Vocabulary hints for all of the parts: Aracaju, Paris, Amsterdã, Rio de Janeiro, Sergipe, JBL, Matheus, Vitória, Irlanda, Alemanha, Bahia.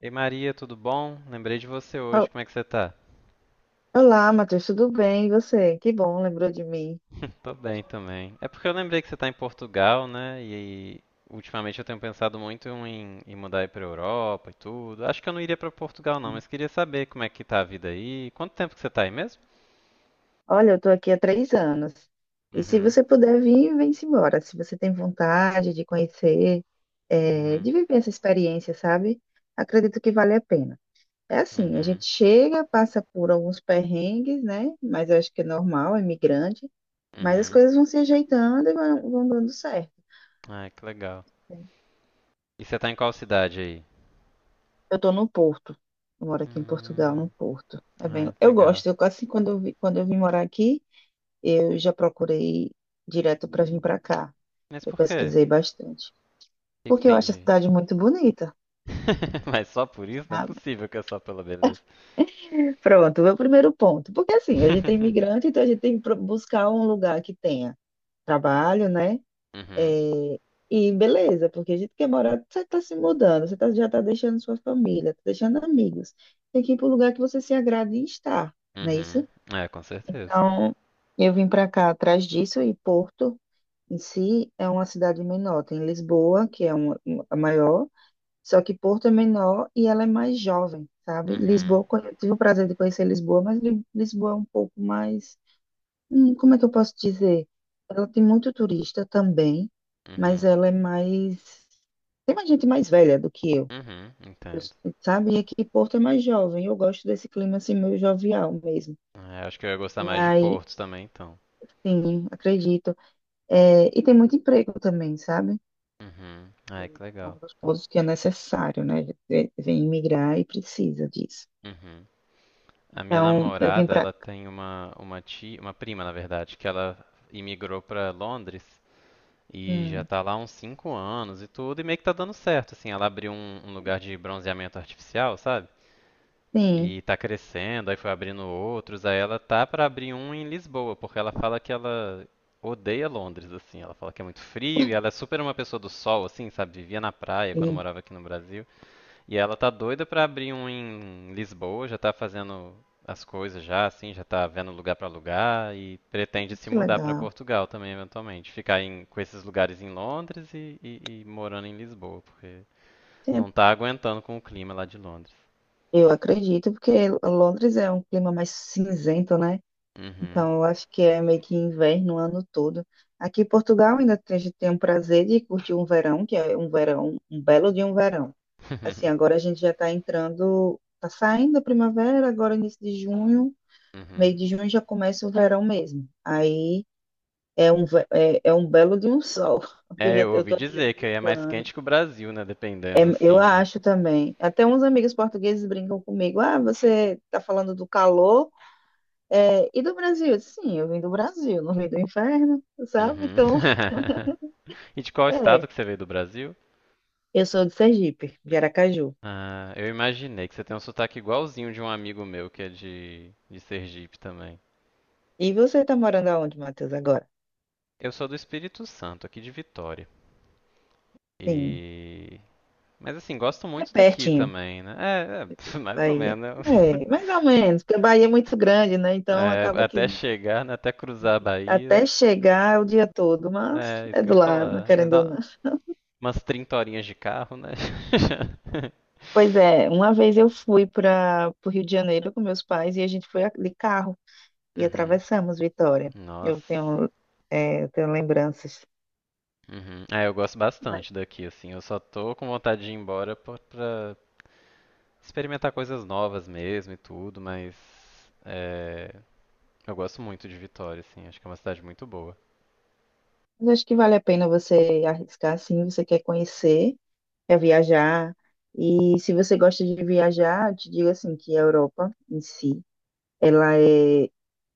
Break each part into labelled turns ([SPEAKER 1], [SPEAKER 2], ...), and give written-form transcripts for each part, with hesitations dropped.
[SPEAKER 1] Ei Maria, tudo bom? Lembrei de você hoje,
[SPEAKER 2] Ol-
[SPEAKER 1] como é que você tá?
[SPEAKER 2] Olá, Matheus, tudo bem? E você? Que bom, lembrou de mim.
[SPEAKER 1] Tô bem também. É porque eu lembrei que você tá em Portugal, né? E ultimamente eu tenho pensado muito em mudar aí pra Europa e tudo. Acho que eu não iria pra Portugal não, mas queria saber como é que tá a vida aí. Quanto tempo que você tá aí mesmo?
[SPEAKER 2] Olha, eu estou aqui há 3 anos. E se
[SPEAKER 1] Uhum,
[SPEAKER 2] você puder vir, vem-se embora. Se você tem vontade de conhecer,
[SPEAKER 1] uhum,
[SPEAKER 2] de viver essa experiência, sabe? Acredito que vale a pena. É assim, a
[SPEAKER 1] uhum,
[SPEAKER 2] gente chega, passa por alguns perrengues, né? Mas eu acho que é normal, é migrante. Mas as
[SPEAKER 1] uhum.
[SPEAKER 2] coisas vão se ajeitando e vão dando certo.
[SPEAKER 1] Ai, que legal. E você tá em qual cidade aí?
[SPEAKER 2] Eu estou no Porto. Eu moro aqui em Portugal,
[SPEAKER 1] Hum,
[SPEAKER 2] no Porto. É bem,
[SPEAKER 1] ai,
[SPEAKER 2] eu
[SPEAKER 1] legal.
[SPEAKER 2] gosto. Eu quase quando eu vim morar aqui. Eu já procurei direto para vir para cá.
[SPEAKER 1] Mas
[SPEAKER 2] Eu
[SPEAKER 1] por quê? O
[SPEAKER 2] pesquisei bastante.
[SPEAKER 1] que que
[SPEAKER 2] Porque eu
[SPEAKER 1] tem
[SPEAKER 2] acho a
[SPEAKER 1] de...
[SPEAKER 2] cidade muito bonita,
[SPEAKER 1] Mas só por isso? Não é
[SPEAKER 2] sabe?
[SPEAKER 1] possível que é só pela beleza.
[SPEAKER 2] Pronto, meu primeiro ponto. Porque assim, a gente é imigrante, então a gente tem que buscar um lugar que tenha trabalho, né?
[SPEAKER 1] Uhum,
[SPEAKER 2] É, e beleza, porque a gente quer morar, você está se mudando, já está deixando sua família, está deixando amigos. Tem que ir para um lugar que você se agrade em estar, não é
[SPEAKER 1] uhum.
[SPEAKER 2] isso?
[SPEAKER 1] É, com certeza.
[SPEAKER 2] Então, eu vim para cá atrás disso. E Porto em si é uma cidade menor. Tem Lisboa, que é a maior, só que Porto é menor e ela é mais jovem, sabe?
[SPEAKER 1] Uhum,
[SPEAKER 2] Eu tive o prazer de conhecer Lisboa, mas Lisboa é um pouco mais. Como é que eu posso dizer? Ela tem muito turista também, mas
[SPEAKER 1] uhum,
[SPEAKER 2] ela é mais. Tem mais gente mais velha do que eu.
[SPEAKER 1] uhum,
[SPEAKER 2] Eu s-
[SPEAKER 1] entendo.
[SPEAKER 2] sabe? E aqui Porto é mais jovem. Eu gosto desse clima assim, meio jovial mesmo.
[SPEAKER 1] É, acho que eu ia gostar
[SPEAKER 2] E
[SPEAKER 1] mais de
[SPEAKER 2] aí,
[SPEAKER 1] Portos também, então.
[SPEAKER 2] sim, acredito. É, e tem muito emprego também, sabe?
[SPEAKER 1] Uhum. Ai, que
[SPEAKER 2] É
[SPEAKER 1] legal.
[SPEAKER 2] um dos pontos que é necessário, né? Vem migrar e precisa disso.
[SPEAKER 1] Uhum. A minha
[SPEAKER 2] Então, eu vim
[SPEAKER 1] namorada,
[SPEAKER 2] para.
[SPEAKER 1] ela tem uma tia, uma prima, na verdade, que ela imigrou pra Londres e já
[SPEAKER 2] Hum,
[SPEAKER 1] tá lá há uns 5 anos e tudo, e meio que tá dando certo, assim, ela abriu um lugar de bronzeamento artificial, sabe?
[SPEAKER 2] sim,
[SPEAKER 1] E tá crescendo, aí foi abrindo outros, aí ela tá pra abrir um em Lisboa, porque ela fala que ela odeia Londres, assim, ela fala que é muito frio e ela é super uma pessoa do sol, assim, sabe? Vivia na praia quando
[SPEAKER 2] sim,
[SPEAKER 1] morava aqui no Brasil. E ela tá doida pra abrir um em Lisboa, já tá fazendo as coisas já, assim, já tá vendo lugar pra lugar e pretende se
[SPEAKER 2] que
[SPEAKER 1] mudar pra
[SPEAKER 2] legal.
[SPEAKER 1] Portugal também, eventualmente. Ficar em- com esses lugares em Londres e morando em Lisboa, porque não
[SPEAKER 2] Sim,
[SPEAKER 1] tá aguentando com o clima lá de Londres.
[SPEAKER 2] eu acredito, porque Londres é um clima mais cinzento, né?
[SPEAKER 1] Uhum.
[SPEAKER 2] Então, eu acho que é meio que inverno o ano todo. Aqui em Portugal ainda tem- a gente tem o prazer de curtir um verão, que é um verão, um belo de um verão. Assim, agora a gente já está entrando, está saindo a primavera, agora início de junho, meio
[SPEAKER 1] Uhum.
[SPEAKER 2] de junho já começa o verão mesmo. Aí. É é um belo de um sol, porque eu
[SPEAKER 1] É,
[SPEAKER 2] já
[SPEAKER 1] eu
[SPEAKER 2] eu
[SPEAKER 1] ouvi
[SPEAKER 2] tô aqui há.
[SPEAKER 1] dizer que aí é mais quente que o Brasil, né?
[SPEAKER 2] É,
[SPEAKER 1] Dependendo,
[SPEAKER 2] eu
[SPEAKER 1] assim, do...
[SPEAKER 2] acho também. Até uns amigos portugueses brincam comigo. Ah, você tá falando do calor e do Brasil? Eu disse, sim, eu vim do Brasil, não vim do inferno, sabe?
[SPEAKER 1] Uhum.
[SPEAKER 2] Então,
[SPEAKER 1] E de qual
[SPEAKER 2] é.
[SPEAKER 1] estado que você veio do Brasil?
[SPEAKER 2] Eu sou de Sergipe, de Aracaju.
[SPEAKER 1] Ah, eu imaginei que você tem um sotaque igualzinho de um amigo meu que é de Sergipe também.
[SPEAKER 2] E você tá morando aonde, Matheus, agora?
[SPEAKER 1] Eu sou do Espírito Santo, aqui de Vitória.
[SPEAKER 2] Sim,
[SPEAKER 1] E... Mas assim, gosto
[SPEAKER 2] é
[SPEAKER 1] muito daqui
[SPEAKER 2] pertinho,
[SPEAKER 1] também, né? É, é mais ou
[SPEAKER 2] Bahia.
[SPEAKER 1] menos. Né?
[SPEAKER 2] É, mais ou menos, porque a Bahia é muito grande, né? Então
[SPEAKER 1] É,
[SPEAKER 2] acaba
[SPEAKER 1] até
[SPEAKER 2] que
[SPEAKER 1] chegar, né? Até cruzar a Bahia.
[SPEAKER 2] até chegar é o dia todo, mas
[SPEAKER 1] É, isso
[SPEAKER 2] é
[SPEAKER 1] que eu
[SPEAKER 2] do
[SPEAKER 1] ia
[SPEAKER 2] lado,
[SPEAKER 1] falar. Deve
[SPEAKER 2] querendo ou
[SPEAKER 1] dar
[SPEAKER 2] não.
[SPEAKER 1] umas 30 horinhas de carro, né?
[SPEAKER 2] Pois é, uma vez eu fui para o Rio de Janeiro com meus pais e a gente de carro e
[SPEAKER 1] Uhum.
[SPEAKER 2] atravessamos Vitória.
[SPEAKER 1] Nossa.
[SPEAKER 2] Eu tenho, eu tenho lembranças.
[SPEAKER 1] Uhum. É, eu gosto
[SPEAKER 2] Mas
[SPEAKER 1] bastante daqui, assim. Eu só tô com vontade de ir embora pra experimentar coisas novas mesmo e tudo, mas é, eu gosto muito de Vitória, assim. Acho que é uma cidade muito boa.
[SPEAKER 2] eu acho que vale a pena você arriscar, sim, você quer conhecer, quer viajar. E se você gosta de viajar, eu te digo assim que a Europa em si, ela é,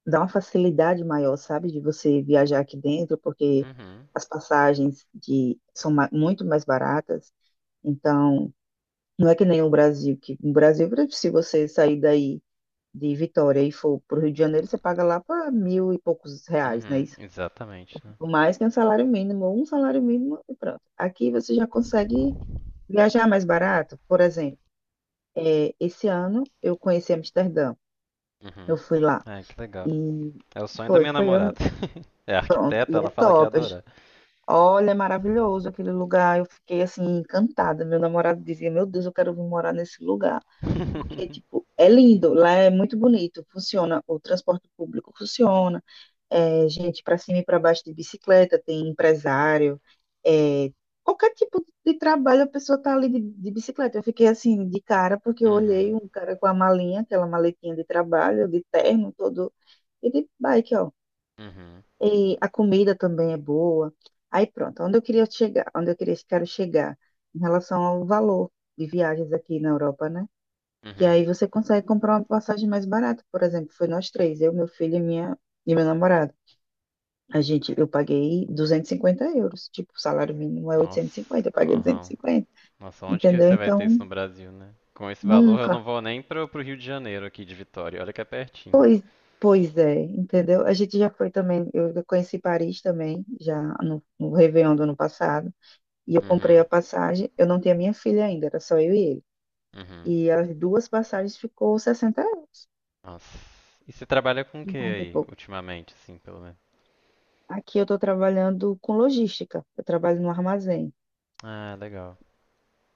[SPEAKER 2] dá uma facilidade maior, sabe, de você viajar aqui dentro, porque
[SPEAKER 1] Uhum.
[SPEAKER 2] as passagens muito mais baratas. Então, não é que nem o Brasil, que no Brasil, se você sair daí de Vitória e for para o Rio de Janeiro, você paga lá para mil e poucos reais, né?
[SPEAKER 1] Uhum.
[SPEAKER 2] Isso,
[SPEAKER 1] Exatamente, né?
[SPEAKER 2] mais que um salário mínimo e pronto. Aqui você já consegue viajar mais barato. Por exemplo, esse ano eu conheci Amsterdã, eu
[SPEAKER 1] Uhum.
[SPEAKER 2] fui lá
[SPEAKER 1] Ai, que legal.
[SPEAKER 2] e
[SPEAKER 1] É o sonho da
[SPEAKER 2] foi,
[SPEAKER 1] minha
[SPEAKER 2] foi, eu-
[SPEAKER 1] namorada. É arquiteta,
[SPEAKER 2] e é
[SPEAKER 1] ela fala que ia
[SPEAKER 2] top.
[SPEAKER 1] adorar.
[SPEAKER 2] Olha, é maravilhoso aquele lugar. Eu fiquei assim encantada. Meu namorado dizia: meu Deus, eu quero vir morar nesse lugar. Porque, tipo, é lindo, lá é muito bonito, funciona, o transporte público funciona, gente para cima e para baixo de bicicleta, tem empresário, é, qualquer tipo de trabalho a pessoa tá ali de bicicleta. Eu fiquei assim, de cara, porque eu olhei
[SPEAKER 1] Uhum.
[SPEAKER 2] um cara com a malinha, aquela maletinha de trabalho, de terno todo, e de bike, ó.
[SPEAKER 1] Uhum.
[SPEAKER 2] E a comida também é boa. Aí pronto, onde eu queria chegar, quero chegar em relação ao valor de viagens aqui na Europa, né? E
[SPEAKER 1] Uhum.
[SPEAKER 2] aí você consegue comprar uma passagem mais barata, por exemplo, foi nós três, eu, meu filho e meu namorado. A gente, eu paguei 250 euros, tipo, o salário mínimo é
[SPEAKER 1] Nossa.
[SPEAKER 2] 850, eu paguei duzentos e
[SPEAKER 1] Aham.
[SPEAKER 2] cinquenta,
[SPEAKER 1] Nossa, onde que
[SPEAKER 2] entendeu?
[SPEAKER 1] você vai ter isso
[SPEAKER 2] Então,
[SPEAKER 1] no Brasil, né? Com esse valor, eu não
[SPEAKER 2] nunca.
[SPEAKER 1] vou nem pro Rio de Janeiro aqui de Vitória. Olha que é pertinho.
[SPEAKER 2] Pois é, entendeu? A gente já foi também, eu já conheci Paris também, já no Réveillon do ano passado, e eu comprei a
[SPEAKER 1] Uhum,
[SPEAKER 2] passagem, eu não tinha minha filha ainda, era só eu e ele.
[SPEAKER 1] uhum.
[SPEAKER 2] E as duas passagens ficou 60 euros,
[SPEAKER 1] Nossa. E você trabalha com o que
[SPEAKER 2] 50 e
[SPEAKER 1] aí,
[SPEAKER 2] pouco.
[SPEAKER 1] ultimamente, assim, pelo menos?
[SPEAKER 2] Aqui eu estou trabalhando com logística, eu trabalho no armazém.
[SPEAKER 1] Ah, legal.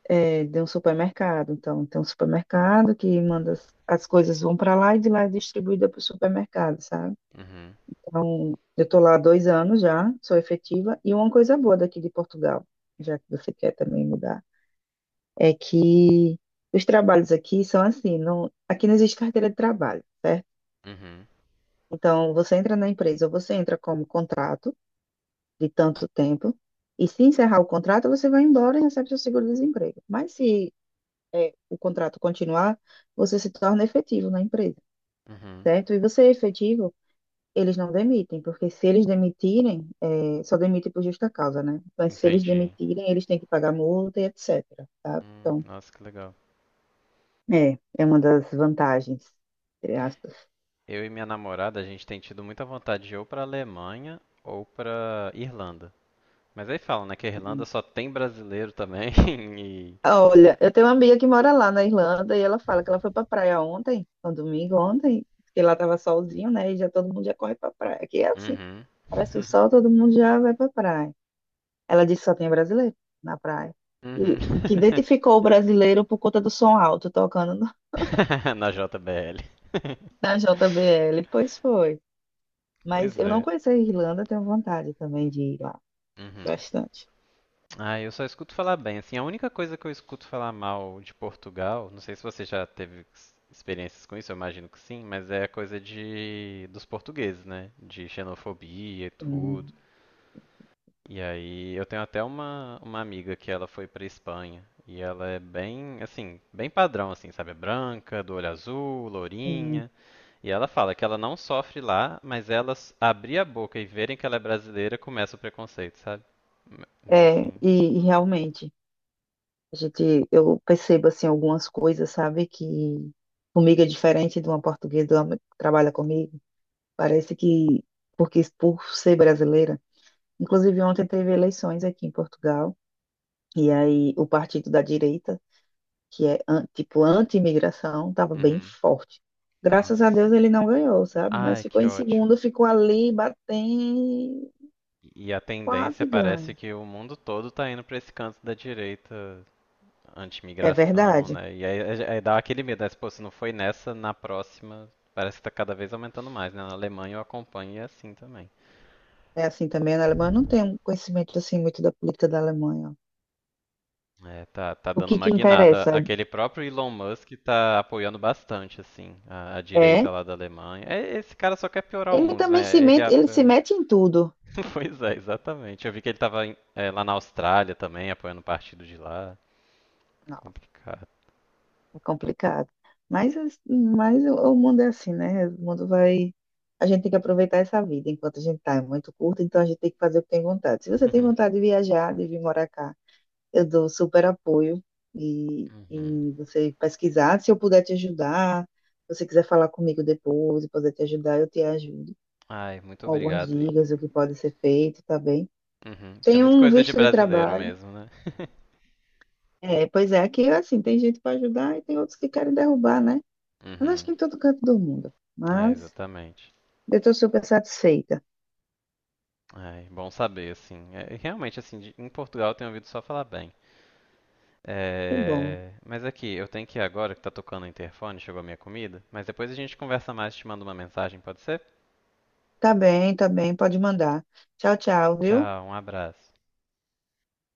[SPEAKER 2] É, de um supermercado. Então, tem um supermercado que manda as coisas vão para lá e de lá é distribuída para o supermercado, sabe?
[SPEAKER 1] Uhum,
[SPEAKER 2] Então, eu estou lá há 2 anos já, sou efetiva, e uma coisa boa daqui de Portugal, já que você quer também mudar, é que os trabalhos aqui são assim, não, aqui não existe carteira de trabalho, certo?
[SPEAKER 1] uhum,
[SPEAKER 2] Então, você entra na empresa, você entra como contrato de tanto tempo, e se encerrar o contrato, você vai embora e recebe seu seguro-desemprego. Mas se é, o contrato continuar, você se torna efetivo na empresa,
[SPEAKER 1] uhum.
[SPEAKER 2] certo? E você é efetivo, eles não demitem, porque se eles demitirem, só demitem por justa causa, né? Mas se eles
[SPEAKER 1] Entendi.
[SPEAKER 2] demitirem, eles têm que pagar multa e etc, tá? Então,
[SPEAKER 1] Nossa, que legal.
[SPEAKER 2] é, é uma das vantagens, entre aspas.
[SPEAKER 1] Eu e minha namorada, a gente tem tido muita vontade de ir ou pra Alemanha ou pra Irlanda. Mas aí falam, né, que a Irlanda só tem brasileiro também e...
[SPEAKER 2] Olha, eu tenho uma amiga que mora lá na Irlanda e ela fala que ela foi pra praia ontem, no domingo ontem, porque lá tava solzinho, né? E já todo mundo já corre pra praia. Aqui é assim,
[SPEAKER 1] Uhum.
[SPEAKER 2] parece o sol, todo mundo já vai pra praia. Ela disse que só tinha brasileiro na praia.
[SPEAKER 1] Uhum.
[SPEAKER 2] E que identificou o brasileiro por conta do som alto tocando no-
[SPEAKER 1] Na JBL.
[SPEAKER 2] na JBL. Pois foi.
[SPEAKER 1] Pois
[SPEAKER 2] Mas eu não
[SPEAKER 1] é.
[SPEAKER 2] conheço a Irlanda, tenho vontade também de ir lá.
[SPEAKER 1] Uhum.
[SPEAKER 2] Bastante.
[SPEAKER 1] Ah, eu só escuto falar bem. Assim, a única coisa que eu escuto falar mal de Portugal, não sei se você já teve experiências com isso, eu imagino que sim, mas é a coisa de dos portugueses, né? De xenofobia e tudo.
[SPEAKER 2] Hum,
[SPEAKER 1] E aí, eu tenho até uma amiga que ela foi pra Espanha e ela é bem, assim, bem padrão assim, sabe? É branca, do olho azul,
[SPEAKER 2] hum.
[SPEAKER 1] lourinha. E ela fala que ela não sofre lá, mas elas abrir a boca e verem que ela é brasileira, começa o preconceito, sabe? Mas
[SPEAKER 2] É,
[SPEAKER 1] assim,
[SPEAKER 2] e realmente, a gente, eu percebo assim algumas coisas, sabe, que comigo é diferente de uma portuguesa de uma que trabalha comigo. Parece que, porque por ser brasileira, inclusive ontem teve eleições aqui em Portugal. E aí, o partido da direita que é tipo anti-imigração, estava bem
[SPEAKER 1] uhum.
[SPEAKER 2] forte. Graças a
[SPEAKER 1] Nossa.
[SPEAKER 2] Deus ele não ganhou, sabe? Mas
[SPEAKER 1] Ai,
[SPEAKER 2] ficou
[SPEAKER 1] que
[SPEAKER 2] em
[SPEAKER 1] ótimo.
[SPEAKER 2] segundo, ficou ali batendo,
[SPEAKER 1] E a tendência
[SPEAKER 2] quase
[SPEAKER 1] parece
[SPEAKER 2] ganha.
[SPEAKER 1] que o mundo todo tá indo pra esse canto da direita
[SPEAKER 2] É
[SPEAKER 1] anti-imigração,
[SPEAKER 2] verdade.
[SPEAKER 1] né? E aí dá aquele medo, né? Se, pô, se não foi nessa, na próxima, parece que tá cada vez aumentando mais, né? Na Alemanha eu acompanho e é assim também.
[SPEAKER 2] É assim também na Alemanha. Eu não tenho um conhecimento assim muito da política da Alemanha.
[SPEAKER 1] É, tá
[SPEAKER 2] O
[SPEAKER 1] dando
[SPEAKER 2] que
[SPEAKER 1] uma
[SPEAKER 2] que
[SPEAKER 1] guinada.
[SPEAKER 2] interessa
[SPEAKER 1] Aquele próprio Elon Musk tá apoiando bastante, assim, a
[SPEAKER 2] é
[SPEAKER 1] direita lá da Alemanha. É, esse cara só quer piorar o
[SPEAKER 2] ele
[SPEAKER 1] mundo,
[SPEAKER 2] também se
[SPEAKER 1] né? Ele.
[SPEAKER 2] mete,
[SPEAKER 1] Ap-
[SPEAKER 2] ele se mete em tudo.
[SPEAKER 1] Pois é, exatamente. Eu vi que ele tava em- é, lá na Austrália também, apoiando o partido de lá. Complicado.
[SPEAKER 2] É complicado. Mas, mas o mundo é assim, né? O mundo vai. A gente tem que aproveitar essa vida enquanto a gente está. É muito curta, então a gente tem que fazer o que tem vontade. Se você tem vontade de viajar, de vir morar cá, eu dou super apoio
[SPEAKER 1] Uhum.
[SPEAKER 2] e você pesquisar. Se eu puder te ajudar, se você quiser falar comigo depois e poder te ajudar, eu te ajudo
[SPEAKER 1] Ai, muito
[SPEAKER 2] com algumas
[SPEAKER 1] obrigado. E-
[SPEAKER 2] dicas, o que pode ser feito, tá bem?
[SPEAKER 1] uhum. Isso é
[SPEAKER 2] Tem
[SPEAKER 1] muito
[SPEAKER 2] um
[SPEAKER 1] coisa de
[SPEAKER 2] visto de
[SPEAKER 1] brasileiro
[SPEAKER 2] trabalho.
[SPEAKER 1] mesmo, né?
[SPEAKER 2] É, pois é, aqui assim, tem gente para ajudar e tem outros que querem derrubar, né? Mas acho
[SPEAKER 1] Uhum.
[SPEAKER 2] que em todo canto do mundo.
[SPEAKER 1] É,
[SPEAKER 2] Mas
[SPEAKER 1] exatamente.
[SPEAKER 2] eu estou super satisfeita.
[SPEAKER 1] Ai, bom saber, assim. É, realmente, assim, de- em Portugal eu tenho ouvido só falar bem.
[SPEAKER 2] Que bom.
[SPEAKER 1] É... Mas aqui, eu tenho que ir agora que tá tocando o interfone, chegou a minha comida. Mas depois a gente conversa mais, te mando uma mensagem, pode ser?
[SPEAKER 2] Tá bem, tá bem. Pode mandar. Tchau, tchau, viu?
[SPEAKER 1] Tchau, um abraço.